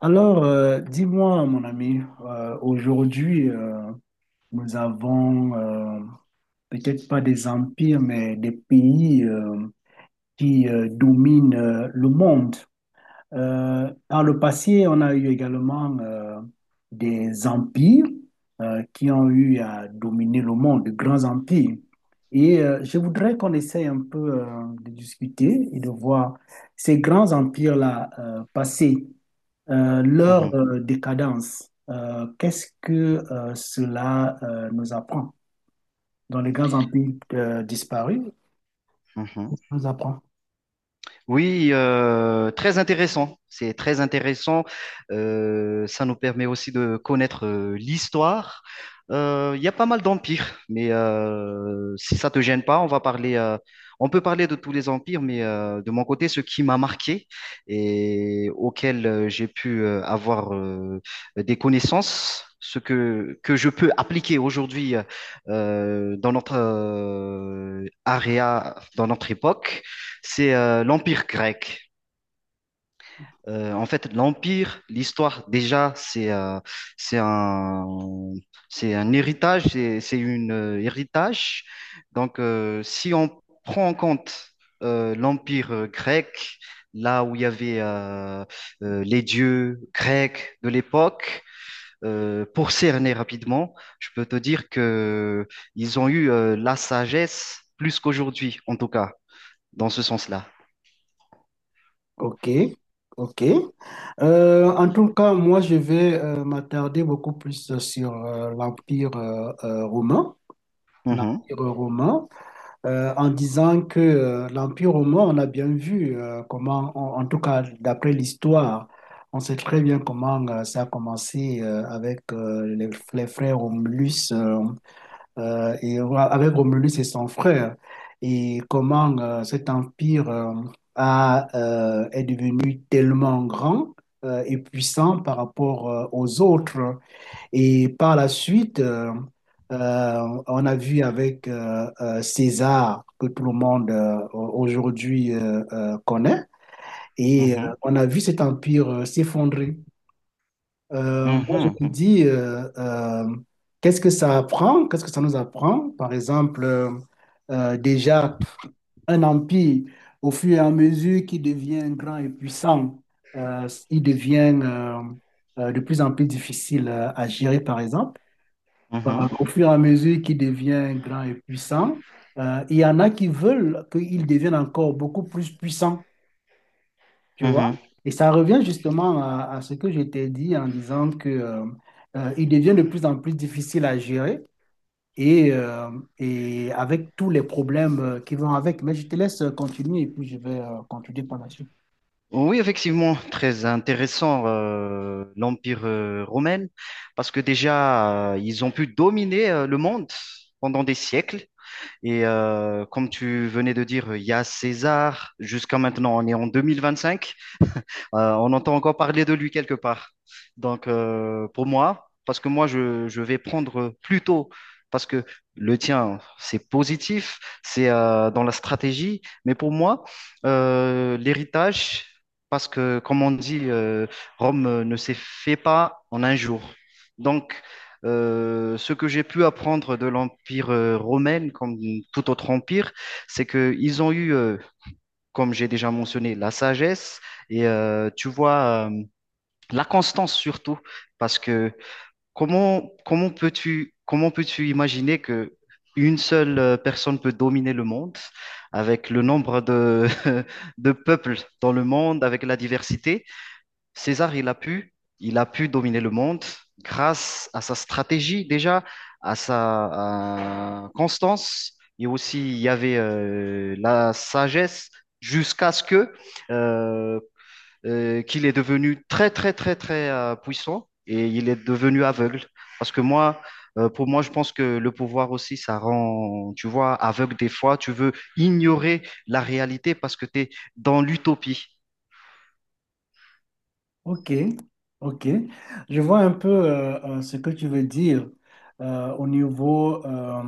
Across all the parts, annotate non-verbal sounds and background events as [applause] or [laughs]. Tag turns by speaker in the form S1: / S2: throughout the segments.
S1: Alors, dis-moi, mon ami, aujourd'hui, nous avons peut-être pas des empires, mais des pays qui dominent le monde. Par le passé, on a eu également des empires qui ont eu à dominer le monde, de grands empires. Et je voudrais qu'on essaye un peu de discuter et de voir ces grands empires-là passer. Euh,
S2: Mhm,
S1: leur euh, décadence, qu'est-ce que cela nous apprend? Dans les grands empires disparus,
S2: mhm.
S1: ça apprend.
S2: Oui, très intéressant. C'est très intéressant. Ça nous permet aussi de connaître l'histoire. Il y a pas mal d'empires, mais si ça te gêne pas, on va parler, on peut parler de tous les empires, mais de mon côté, ce qui m'a marqué et auquel j'ai pu avoir des connaissances. Ce que je peux appliquer aujourd'hui dans notre area, dans notre époque, c'est l'Empire grec. En fait, l'histoire, déjà, c'est un, c'est un héritage, c'est une héritage. Donc, si on prend en compte l'Empire grec, là où il y avait les dieux grecs de l'époque, pour cerner rapidement, je peux te dire que ils ont eu la sagesse plus qu'aujourd'hui, en tout cas, dans ce sens-là.
S1: Ok, ok. En tout cas, moi, je vais m'attarder beaucoup plus sur l'empire romain.
S2: Mhm,
S1: L'empire romain, en disant que l'Empire romain, on a bien vu comment, en tout cas d'après l'histoire, on sait très bien comment ça a commencé avec les frères Romulus et ouais, avec Romulus et son frère, et comment cet empire est devenu tellement grand et puissant par rapport aux autres. Et par la suite, on a vu avec César, que tout le monde aujourd'hui connaît, et
S2: mhm.
S1: on a vu cet empire s'effondrer. Moi,
S2: Mhm,
S1: je me dis, qu'est-ce que ça apprend? Qu'est-ce que ça nous apprend? Par exemple, déjà, un empire, au fur et à mesure qu'il devient grand et puissant, il devient de plus en plus difficile à gérer, par exemple. Euh,
S2: mhm,
S1: au fur et à mesure qu'il devient grand et puissant, il y en a qui veulent qu'il devienne encore beaucoup plus puissant, tu vois.
S2: mhm.
S1: Et ça revient justement à ce que je t'ai dit en disant que, il devient de plus en plus difficile à gérer et, euh, et avec tous les problèmes qui vont avec. Mais je te laisse continuer et puis je vais continuer par la suite.
S2: Oui, effectivement, très intéressant l'Empire romain, parce que déjà, ils ont pu dominer le monde pendant des siècles. Et comme tu venais de dire, il y a César, jusqu'à maintenant, on est en 2025. On entend encore parler de lui quelque part. Donc, pour moi, parce que moi, je vais prendre plutôt, parce que le tien, c'est positif, c'est dans la stratégie, mais pour moi, l'héritage, parce que, comme on dit, Rome ne s'est fait pas en un jour. Donc, ce que j'ai pu apprendre de l'Empire romain, comme tout autre empire, c'est qu'ils ont eu comme j'ai déjà mentionné, la sagesse et tu vois, la constance surtout. Parce que comment peux-tu imaginer que une seule personne peut dominer le monde avec le nombre de, [laughs] de peuples dans le monde, avec la diversité? César, il a pu dominer le monde grâce à sa stratégie déjà, à sa à constance. Et aussi, il y avait la sagesse jusqu'à ce que euh, qu'il est devenu très, très, très, très puissant et il est devenu aveugle. Parce que moi, pour moi, je pense que le pouvoir aussi, ça rend, tu vois, aveugle des fois. Tu veux ignorer la réalité parce que tu es dans l'utopie.
S1: Ok, ok. Je vois un peu ce que tu veux dire au niveau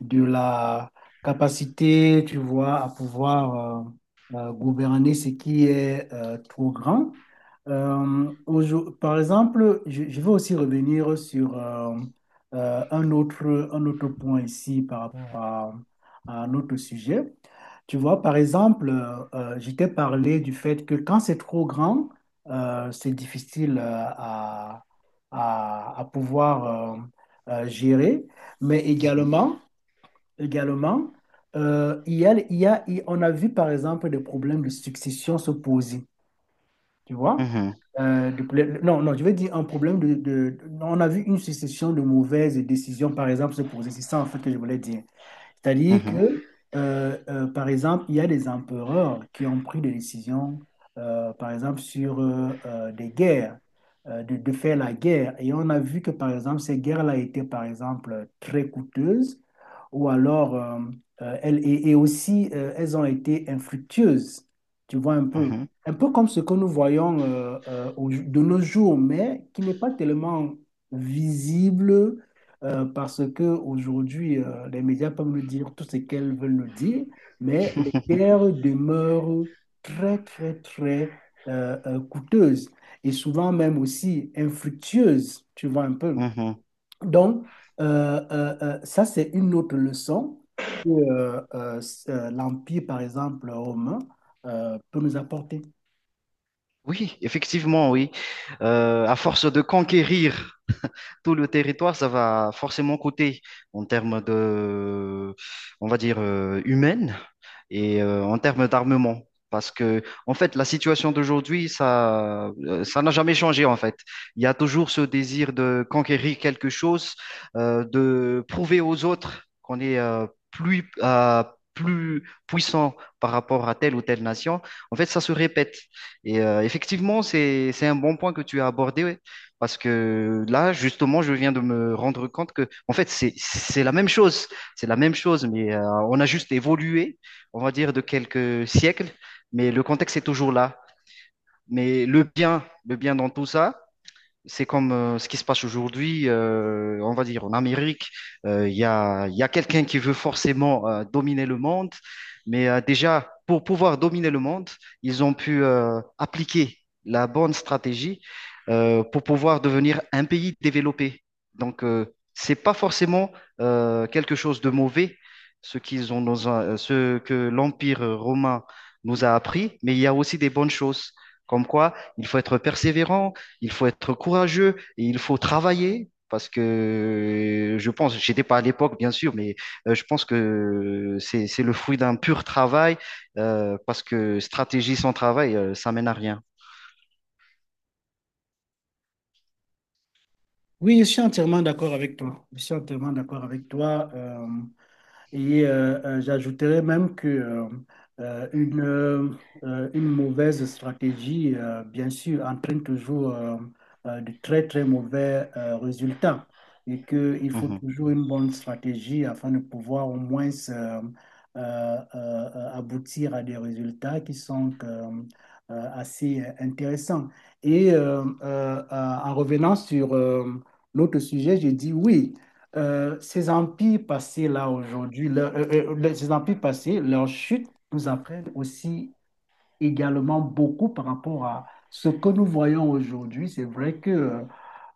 S1: de la capacité, tu vois, à pouvoir gouverner ce qui est trop grand. Par exemple, je veux aussi revenir sur euh, un autre, un autre point ici par rapport à notre sujet. Tu vois, par exemple, je t'ai parlé du fait que quand c'est trop grand, c'est difficile à, à pouvoir gérer. Mais
S2: Mhm.
S1: également, également il y a, il y a- il- on a vu par exemple des problèmes de succession se poser, tu vois?
S2: Mhm,
S1: Non, non, je veux dire un problème. On a vu une succession de mauvaises décisions, par exemple, se poser. C'est ça en fait que je voulais dire. C'est-à-dire
S2: mhm,
S1: que, par exemple, il y a des empereurs qui ont pris des décisions, par exemple, sur des guerres, de faire la guerre. Et on a vu que, par exemple, ces guerres-là étaient, par exemple, très coûteuses, ou alors, elles, et aussi, elles ont été infructueuses. Tu vois un peu.
S2: mhm.
S1: Un peu comme ce que nous voyons de nos jours, mais qui n'est pas tellement visible parce que aujourd'hui, les médias peuvent nous dire tout ce qu'elles veulent nous dire, mais les guerres demeurent très, très, très coûteuses et souvent même aussi infructueuses, tu vois un peu.
S2: Mhm.
S1: Donc, ça, c'est une autre leçon que l'Empire, par exemple, romain, peut nous apporter.
S2: Oui, effectivement, oui. À force de conquérir tout le territoire, ça va forcément coûter en termes de, on va dire, humaine. Et en termes d'armement. Parce que, en fait, la situation d'aujourd'hui, ça, ça n'a jamais changé, en fait. Il y a toujours ce désir de conquérir quelque chose, de prouver aux autres qu'on est plus, plus puissant par rapport à telle ou telle nation. En fait, ça se répète. Et effectivement, c'est un bon point que tu as abordé, ouais. Parce que là, justement, je viens de me rendre compte que, en fait, c'est la même chose. C'est la même chose, mais on a juste évolué on va dire, de quelques siècles, mais le contexte est toujours là. Mais le bien dans tout ça, c'est comme ce qui se passe aujourd'hui, on va dire en Amérique, il y a quelqu'un qui veut forcément dominer le monde, mais déjà, pour pouvoir dominer le monde, ils ont pu appliquer la bonne stratégie pour pouvoir devenir un pays développé. Donc, c'est pas forcément quelque chose de mauvais, ce qu'ils ont dans a- ce que l'Empire romain nous a appris, mais il y a aussi des bonnes choses, comme quoi il faut être persévérant, il faut être courageux et il faut travailler parce que je pense, j'étais pas à l'époque bien sûr, mais je pense que c'est le fruit d'un pur travail parce que stratégie sans travail, ça mène à rien.
S1: Oui, je suis entièrement d'accord avec toi. Je suis entièrement d'accord avec toi. Et j'ajouterais même que euh, une, euh, une mauvaise stratégie, bien sûr, entraîne toujours de très, très mauvais résultats. Et qu'il faut
S2: Mhm,
S1: toujours une bonne stratégie afin de pouvoir au moins aboutir à des résultats qui sont assez intéressants. Et en revenant sur l'autre sujet, j'ai dit oui, ces empires passés là aujourd'hui, leur- les- ces empires passés, leur chute nous apprennent aussi également beaucoup par rapport à ce que nous voyons aujourd'hui. C'est vrai que euh,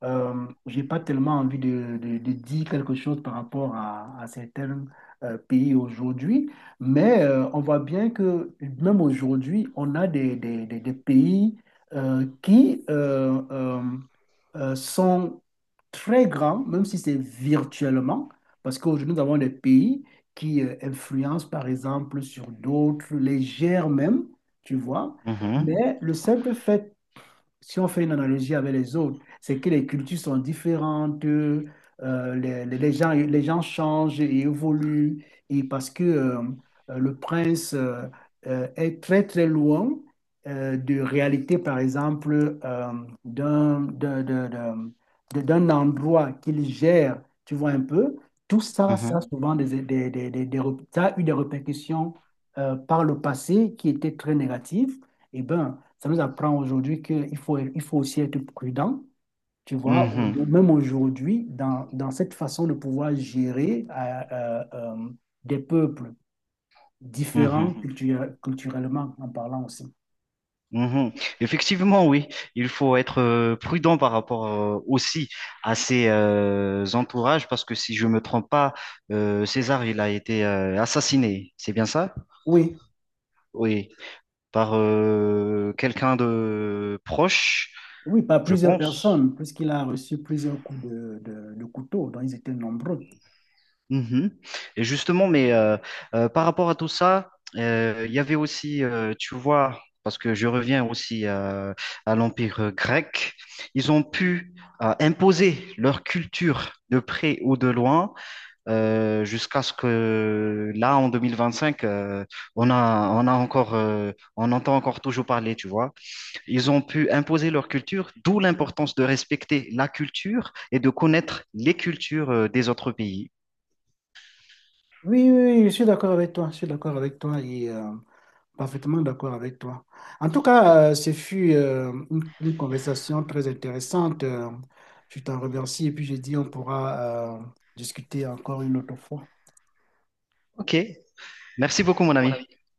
S1: euh, j'ai pas tellement envie de dire quelque chose par rapport à certains pays aujourd'hui, mais on voit bien que même aujourd'hui, on a des pays qui sont très grands, même si c'est virtuellement, parce qu'aujourd'hui, nous avons des pays qui influencent, par exemple, sur d'autres, les gèrent même, tu vois.
S2: mhm,
S1: Mais le simple fait, si on fait une analogie avec les autres, c'est que les cultures sont différentes, les gens changent et évoluent, et parce que le prince est très très loin de réalité, par exemple, d'un d'un- d'un- d'un- d'un endroit qu'il gère, tu vois un peu, tout ça, ça
S2: mhm,
S1: a souvent ça a eu des répercussions par le passé qui étaient très négatives. Et ben ça nous apprend aujourd'hui qu'il faut, il faut aussi être prudent, tu vois,
S2: mhm,
S1: même aujourd'hui, dans cette façon de pouvoir gérer des peuples différents.
S2: mhm,
S1: Mhm. Culturellement en parlant aussi.
S2: mhm. Effectivement, oui, il faut être prudent par rapport aussi à ses entourages parce que si je me trompe pas, César, il a été assassiné, c'est bien ça?
S1: Oui,
S2: Oui. Par quelqu'un de proche,
S1: oui, par
S2: je
S1: plusieurs
S2: pense.
S1: personnes, puisqu'il a reçu plusieurs coups de couteau, donc ils étaient nombreux.
S2: Mhm. Et justement, mais par rapport à tout ça, il y avait aussi, tu vois, parce que je reviens aussi à l'Empire grec, ils ont pu imposer leur culture de près ou de loin, jusqu'à ce que là, en 2025, on a encore, on entend encore toujours parler, tu vois. Ils ont pu imposer leur culture, d'où l'importance de respecter la culture et de connaître les cultures des autres pays.
S1: Oui, oui, oui, je suis d'accord avec toi, je suis d'accord avec toi et... Parfaitement d'accord avec toi. En tout cas, ce fut une conversation très intéressante. Je t'en remercie et puis je dis on pourra discuter encore une autre fois.
S2: Ok, merci beaucoup mon ami.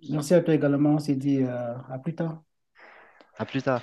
S1: Merci à toi également. On s'est dit à plus tard.
S2: À plus tard.